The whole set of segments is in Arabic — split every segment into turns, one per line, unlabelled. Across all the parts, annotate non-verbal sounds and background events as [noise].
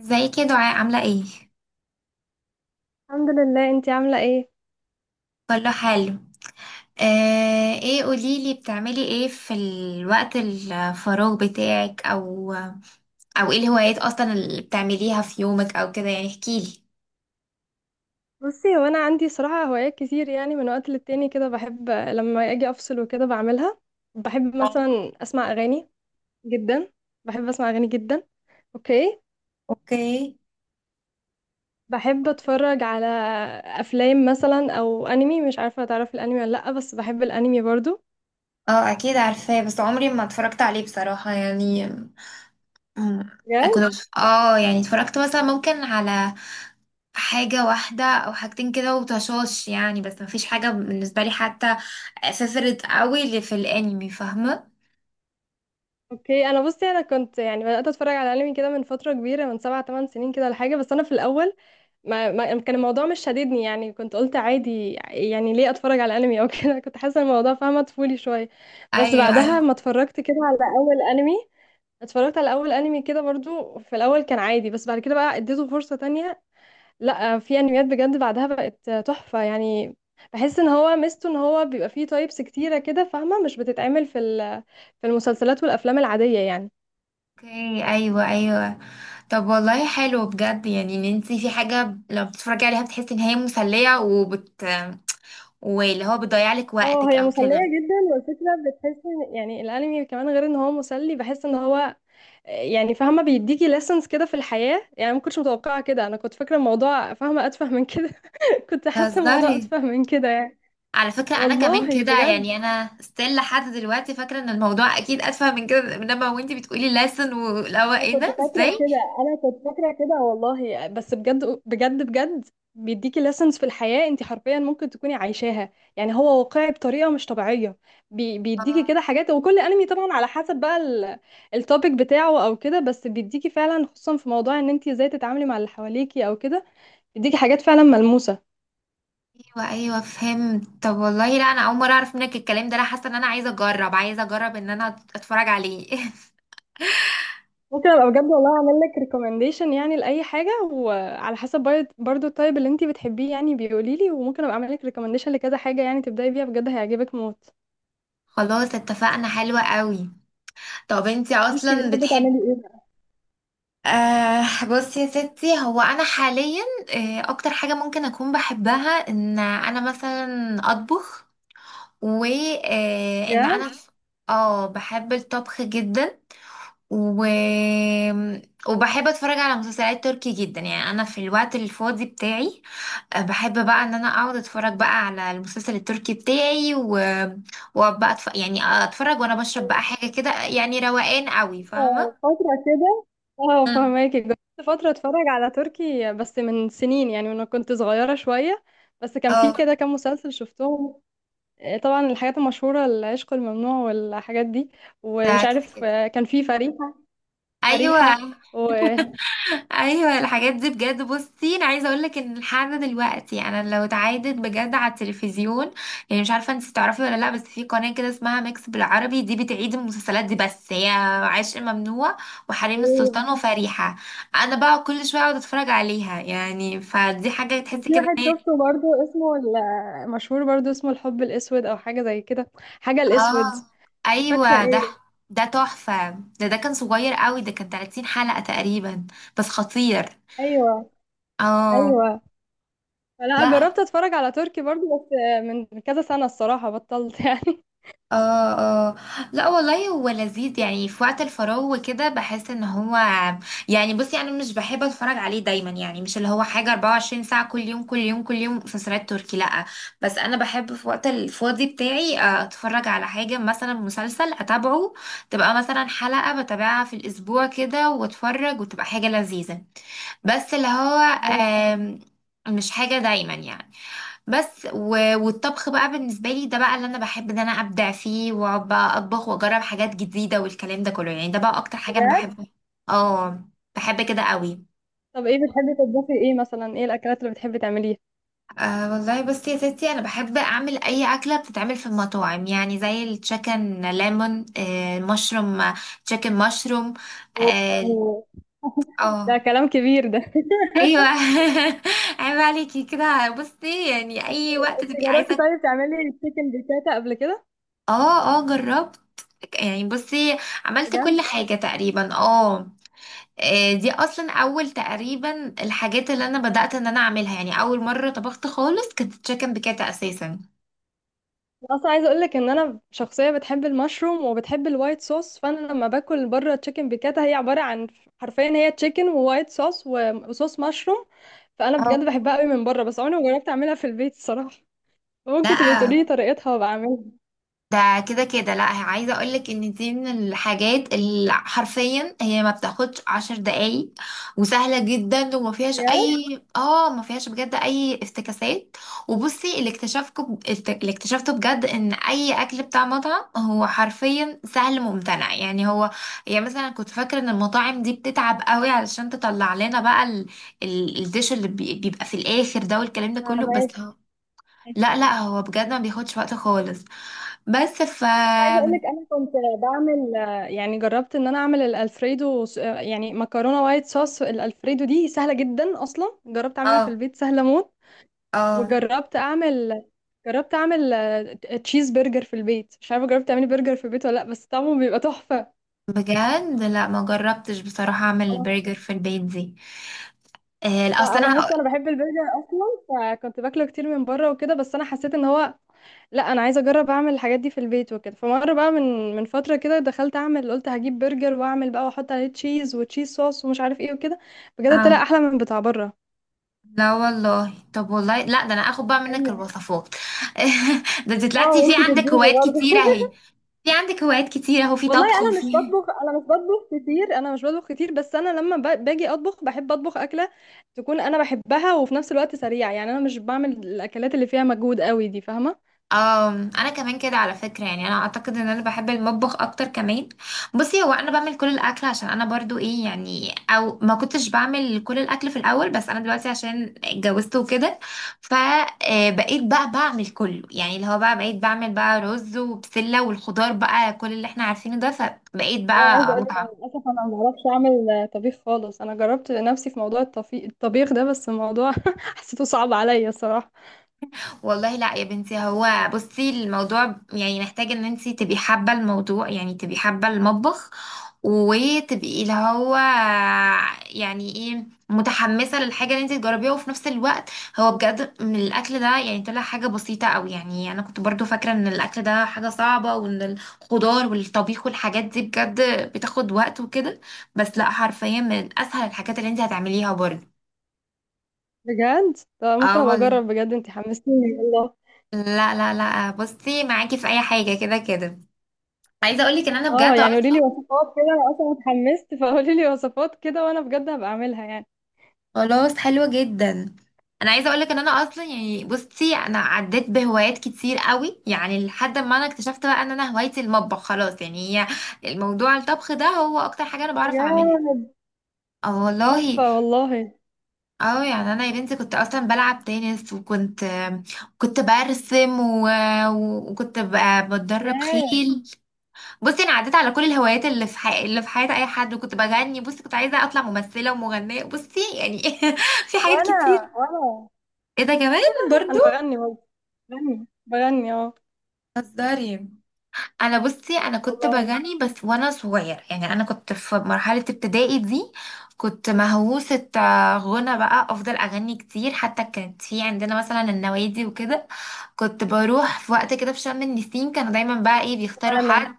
ازيك يا دعاء عاملة ايه؟
الحمد لله، انتي عاملة ايه؟
كله حلو. ايه قوليلي بتعملي ايه في الوقت الفراغ بتاعك او ايه الهوايات اصلا اللي بتعمليها في يومك او كده يعني احكيلي.
بصي هو انا عندي صراحة هوايات كتير. يعني من وقت للتاني كده بحب لما اجي افصل وكده بعملها. بحب مثلا اسمع اغاني جدا. بحب اسمع اغاني جدا. اوكي.
اوكي.
بحب اتفرج على افلام مثلا او انمي. مش عارفة تعرف الانمي ولا لا، بس بحب الانمي برضو.
اه، اكيد عارفاه بس عمري ما اتفرجت عليه بصراحة يعني. مم،
بجد؟
كنت يعني اتفرجت مثلا ممكن على حاجة واحدة او حاجتين كده وطشاش، يعني بس مفيش حاجة بالنسبة لي حتى فيفرت قوي اللي في الانمي فاهمة.
اوكي. انا بصي انا كنت يعني بدأت اتفرج على انمي كده من فترة كبيرة، من 7 8 سنين كده ولا حاجة. بس انا في الاول ما كان الموضوع مش شاددني. يعني كنت قلت عادي، يعني ليه اتفرج على انمي او كده. [laughs] كنت حاسه الموضوع فاهمه طفولي شويه. بس
ايوه بس
بعدها ما
ايوه.
اتفرجت كده على اول انمي، اتفرجت على اول انمي كده برضو. في الاول كان عادي، بس بعد كده بقى اديته فرصه تانية. لا، في انميات بجد بعدها بقت تحفه يعني. بحس ان هو ميزته ان هو بيبقى فيه تايبس كتيره كده فاهمه، مش بتتعمل في في المسلسلات والافلام العاديه يعني.
اوكي. ايوه ايوه. طب والله حلو بجد، يعني ان انت في حاجه لو بتتفرجي عليها بتحسي ان هي مسليه واللي هو بتضيع لك
اه
وقتك
هي
او
مسلية
كده.
جدا. والفكرة بتحس ان يعني الانمي كمان، غير ان هو مسلي، بحس ان هو يعني فاهمه بيديكي lessons كده في الحياه. يعني ما كنتش متوقعه كده، انا كنت فاكره الموضوع فاهمه اتفه من كده. [laughs] كنت حاسه الموضوع
تهزري.
اتفه من كده يعني.
على فكره انا كمان
والله
كده،
بجد،
يعني انا ستيل لحد دلوقتي فاكره ان الموضوع اكيد اتفه من كده، من لما وانت بتقولي لسن ولو،
انا
ايه
كنت
ده؟
فاكره
ازاي؟
كده، انا كنت فاكره كده والله، بس بجد بجد بجد بيديكي lessons في الحياه. انت حرفيا ممكن تكوني عايشاها، يعني هو واقعي بطريقه مش طبيعيه. بيديكي
آه،
كده حاجات. وكل انمي طبعا على حسب بقى التوبيك بتاعه او كده. بس بيديكي فعلا، خصوصا في موضوع ان انت ازاي تتعاملي مع اللي حواليكي او كده، بيديكي حاجات فعلا ملموسه.
ايوه ايوه فهمت. طب والله لا، انا اول مره اعرف منك الكلام ده، انا حاسه ان انا عايزه اجرب ان انا اتفرج عليه [laughs]
ممكن ابقى بجد والله اعمل لك ريكومنديشن يعني لاي حاجه، وعلى حسب برضو التايب اللي انتي بتحبيه يعني بيقولي لي، وممكن ابقى اعمل لك ريكومنديشن لكذا حاجه يعني تبداي بيها، بجد هيعجبك موت.
خلاص اتفقنا، حلوة قوي. طب انتي
انتي
اصلا
بتحبي
بتحب.
تعملي ايه بقى؟
بصي يا ستي هو انا حاليا، اكتر حاجة ممكن اكون بحبها ان انا مثلا اطبخ، وان
بجد.
انا اه بحب الطبخ جدا و... وبحب اتفرج على مسلسلات تركي جدا، يعني انا في الوقت الفاضي بتاعي بحب بقى ان انا اقعد اتفرج بقى على المسلسل التركي بتاعي وبقى يعني اتفرج وانا بشرب بقى حاجة كده، يعني روقان قوي فاهمة.
فترة كده. اه
مم.
فهماكي جربت فتره اتفرج على تركي بس من سنين، يعني وانا كنت صغيره شويه. بس كان في
اه،
كده كام مسلسل شفتهم. طبعا الحاجات المشهوره، العشق الممنوع والحاجات دي.
ده
ومش
كده
عارف،
كده.
كان في فريحه.
ايوه
فريحه و...
ايوه الحاجات دي، بجد بصي انا عايزه اقول لك ان لحد دلوقتي انا لو اتعادت بجد على التلفزيون، يعني مش عارفه انت تعرفي ولا لا، بس في قناه كده اسمها ميكس بالعربي دي بتعيد المسلسلات دي، بس هي عشق ممنوع وحريم السلطان وفريحه، انا بقى كل شويه اقعد اتفرج عليها، يعني فدي حاجه تحسي
وفي
كده
واحد
إن هي-.
شفته برضو اسمه مشهور برضو اسمه الحب الأسود أو حاجة زي كده. حاجة الأسود،
اه،
مش فاكرة
ايوه، ده
ايه.
ده تحفه، ده كان صغير قوي، ده كان 30 حلقه تقريبا بس خطير.
أيوة.
اه.
أيوة. فلا
لا.
جربت أتفرج على تركي برضو، بس من كذا سنة الصراحة بطلت يعني.
اه. اه. لا والله هو لذيذ، يعني في وقت الفراغ وكده بحس ان هو، يعني بصي انا مش بحب اتفرج عليه دايما، يعني مش اللي هو حاجة 24 ساعة، كل يوم كل يوم كل يوم مسلسلات تركي، لا. بس انا بحب في وقت الفاضي بتاعي اتفرج على حاجة، مثلا مسلسل اتابعه، تبقى مثلا حلقة بتابعها في الاسبوع كده واتفرج، وتبقى حاجة لذيذة، بس اللي هو
[laughs]
آم، مش حاجة دايما يعني. بس والطبخ بقى بالنسبة لي، ده بقى اللي انا بحب ان انا ابدع فيه، واقعد بقى اطبخ واجرب حاجات جديدة والكلام ده كله، يعني ده بقى اكتر حاجة انا
بجد
بحب. اه بحب كده قوي.
طب ايه بتحبي تطبخي ايه مثلا، ايه الأكلات اللي بتحبي تعمليها؟
والله بس يا ستي انا بحب اعمل اي اكله بتتعمل في المطاعم، يعني زي التشيكن ليمون، مشروم، تشيكن مشروم. اه.
و- [laughs] ده
آه.
كلام كبير ده. [laughs]
ايوه [laughs] عيب عليكي كده، بصي يعني
إيه،
اي وقت
انت
تبقي
جربتي
عايزه.
طيب تعملي تشيكن بيكاتا قبل كده؟
اه اه جربت، يعني بصي عملت كل
بجد
حاجة تقريبا، اه. دي اصلا اول تقريبا الحاجات اللي انا بدأت ان انا اعملها، يعني اول مرة طبخت خالص كانت تشيكن بكاتا اساسا.
اصلا عايزه اقول لك ان انا شخصيه بتحب المشروم وبتحب الوايت صوص، فانا لما باكل بره تشيكن بيكاتا هي عباره عن، حرفيا هي تشيكن ووايت صوص وصوص مشروم. فانا بجد
اه.
بحبها قوي من بره، بس عمري ما جربت اعملها في البيت الصراحه. ممكن تبقي تقولي
لا
لي طريقتها وبعملها؟
ده كده كده. لا هي-، عايزه اقولك ان دي من الحاجات اللي حرفيا هي ما بتاخدش عشر دقايق، وسهله جدا وما فيهاش
بجد؟
اي. اه، ما فيهاش بجد اي افتكاسات. وبصي اللي اكتشفته بجد ان اي اكل بتاع مطعم هو حرفيا سهل ممتنع، يعني هو، يعني مثلا كنت فاكره ان المطاعم دي بتتعب قوي علشان تطلع لنا بقى الديش اللي بيبقى في الاخر ده والكلام ده كله، بس
فاهمك.
هو-. لا لا هو بجد ما بياخدش وقت خالص، بس
عايزه اقول لك انا كنت بعمل، يعني جربت ان انا اعمل الالفريدو يعني مكرونه وايت صوص. الالفريدو دي سهله جدا، اصلا جربت اعملها في
اه
البيت، سهله موت.
اه
وجربت اعمل، جربت اعمل تشيز برجر في البيت. مش عارفه جربت تعملي برجر في البيت ولا لا، بس طعمه بيبقى تحفه.
بجد. لا ما جربتش بصراحة اعمل
آه.
البرجر في البيت دي.
لا
اصل انا
انا
هقول.
بصي انا بحب البرجر اصلا، فكنت باكله كتير من بره وكده. بس انا حسيت ان هو لا انا عايزه اجرب اعمل الحاجات دي في البيت وكده. فمره بقى من فتره كده دخلت اعمل، قلت هجيب برجر واعمل بقى واحط عليه تشيز وتشيز صوص ومش عارف ايه وكده. بجد طلع
اه.
احلى من بتاع بره.
لا والله. طب والله لا، ده انا اخد بقى منك
ايوه.
الوصفات [laughs] ده انت
اه
طلعتي
وانت تديني برضه. [laughs]
في عندك هوايات كتيرة اهو، في
والله
طبخ
انا مش
وفي.
بطبخ، انا مش بطبخ كتير، انا مش بطبخ كتير. بس انا لما باجي اطبخ بحب اطبخ اكله تكون انا بحبها، وفي نفس الوقت سريعه. يعني انا مش بعمل الاكلات اللي فيها مجهود قوي دي، فاهمه.
اه، انا كمان كده على فكره، يعني انا اعتقد ان انا بحب المطبخ اكتر كمان. بصي هو انا بعمل كل الاكل عشان انا برضو ايه، يعني او ما كنتش بعمل كل الاكل في الاول، بس انا دلوقتي عشان اتجوزت وكده فبقيت بقى بعمل كله، يعني اللي هو بقى بقيت بعمل بقى رز وبسله والخضار بقى كل اللي احنا عارفينه ده، فبقيت
هو عايزه
بقى
اقول لك انا
متعمقه.
للاسف انا ما بعرفش اعمل طبيخ خالص. انا جربت نفسي في موضوع الطبيخ ده، بس الموضوع [laughs] حسيته صعب عليا الصراحه.
والله لا يا بنتي، هو بصي الموضوع يعني محتاج ان انتي تبقي حابة الموضوع، يعني تبقي حابة المطبخ وتبقي اللي هو، يعني ايه متحمسة للحاجة اللي انتي تجربيها، وفي نفس الوقت هو بجد من الاكل ده يعني طلع حاجة بسيطة قوي، يعني انا كنت برضو فاكرة ان الاكل ده حاجة صعبة وان الخضار والطبيخ والحاجات دي بجد بتاخد وقت وكده، بس لا حرفيا من اسهل الحاجات اللي انتي هتعمليها برضو.
بجد طب
اه
ممكن ابقى
والله.
اجرب، بجد انت حمستيني والله.
لا لا لا بصي معاكي في اي حاجه كده كده، عايزه اقولك ان انا
اه
بجد
يعني قولي لي
اصلا.
وصفات كده، انا اصلا اتحمست، فقولي لي وصفات كده وانا بجد هبقى اعملها يعني.
خلاص حلوه جدا. انا عايزه اقولك ان انا اصلا يعني بصي انا عديت بهوايات كتير قوي، يعني لحد ما انا اكتشفت بقى ان انا هوايتي المطبخ خلاص، يعني هي الموضوع الطبخ ده هو اكتر حاجه انا بعرف اعملها.
بجد.
اه والله.
تحفه والله.
اه يعني انا يا بنتي كنت اصلا بلعب تنس، وكنت برسم وكنت بتدرب
ياه.
خيل. بصي انا عديت على كل الهوايات اللي في اللي في حياة اي حد، وكنت بغني، بصي كنت عايزة اطلع ممثلة ومغنية، بصي يعني [laughs] في حاجات كتير.
وانا وانا
ايه ده كمان برضو؟
بغني والله. بغني بغني اه.
هزاري. انا بصي انا كنت
والله.
بغني بس وانا صغير، يعني انا كنت في مرحلة ابتدائي دي كنت مهووسة غنى بقى افضل اغني كتير، حتى كانت في عندنا مثلا النوادي وكده، كنت بروح في وقت كده في شم النسيم، كانوا دايما بقى ايه بيختاروا
انا
حد.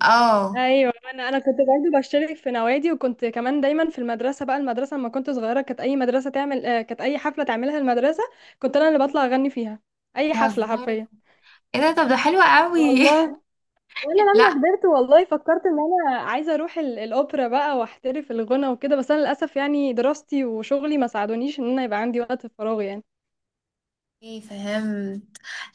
اه.
ايوه انا كنت برضه بشترك في نوادي، وكنت كمان دايما في المدرسه. بقى المدرسه لما كنت صغيره كانت اي مدرسه تعمل كانت اي حفله تعملها المدرسه كنت انا اللي بطلع اغني فيها. اي حفله
بتهزري؟
حرفيا.
ايه ده؟ طب ده حلو قوي.
والله. وانا
[laughs]
لما
لا.
كبرت والله فكرت ان انا عايزه اروح الاوبرا بقى واحترف الغنى وكده. بس انا للاسف يعني دراستي وشغلي ما ساعدونيش ان انا يبقى عندي وقت فراغ يعني.
ايه فهمت.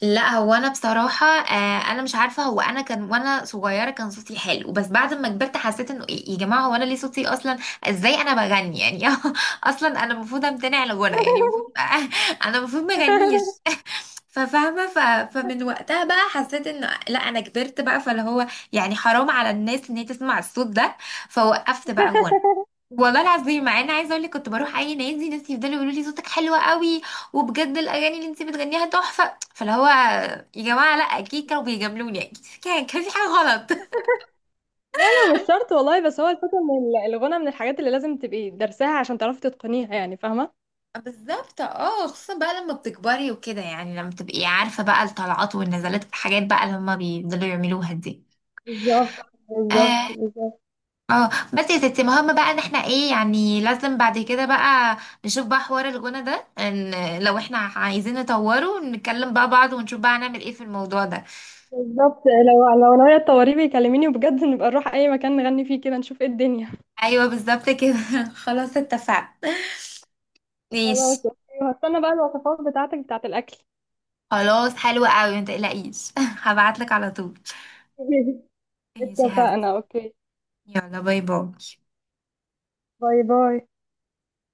لا هو انا بصراحه انا مش عارفه هو انا كان وانا صغيره كان صوتي حلو، بس بعد ما كبرت حسيت انه إيه يا جماعه، هو انا ليه صوتي اصلا؟ ازاي انا بغني يعني [laughs] اصلا انا المفروض امتنع عن الغنى، يعني المفروض [laughs] انا المفروض ما اغنيش
[laughs]
[laughs] ففاهمه فمن وقتها بقى حسيت انه لا انا كبرت بقى، فاللي هو يعني حرام على الناس ان هي تسمع الصوت ده فوقفت بقى غنى. والله العظيم مع ان عايزه اقول لك كنت بروح اي نادي، ناس يفضلوا يقولوا لي صوتك حلو قوي وبجد الاغاني اللي انت بتغنيها تحفه، فاللي هو يا جماعه لا اكيد كانوا بيجاملوني اكيد، كان في حاجه غلط.
لا لا، مش شرط والله. بس هو الفكرة ان الغنى من الحاجات اللي لازم تبقي درساها عشان تعرفي تتقنيها يعني، فاهمة.
[laughs] بالظبط. اه خصوصا بقى لما بتكبري وكده، يعني لما تبقي عارفه بقى الطلعات والنزلات الحاجات بقى اللي هما بيفضلوا يعملوها دي.
بالظبط.
أيوة.
بالظبط
اه.
بالظبط.
بس يا ستي مهم بقى ان احنا ايه، يعني لازم بعد كده بقى نشوف بقى حوار الغنى ده، ان لو احنا عايزين نطوره نتكلم بقى بعض ونشوف بقى هنعمل ايه في الموضوع ده.
بالظبط لو ناوية تطوري بيكلميني، وبجد نبقى نروح اي مكان نغني فيه كده نشوف ايه الدنيا.
ايوه بالظبط كده [laughs] خلاص اتفقنا.
خلاص
ماشي.
أوكي، وهستنى بقى الوصفات بتاعتك بتاعت الاكل.
خلاص حلوة قوي ما تقلقيش [laughs] هبعتلك على طول.
[laughs]
ماشي يا
اتفقنا
حسن.
انا اوكي.
يلا باي باي
باي باي.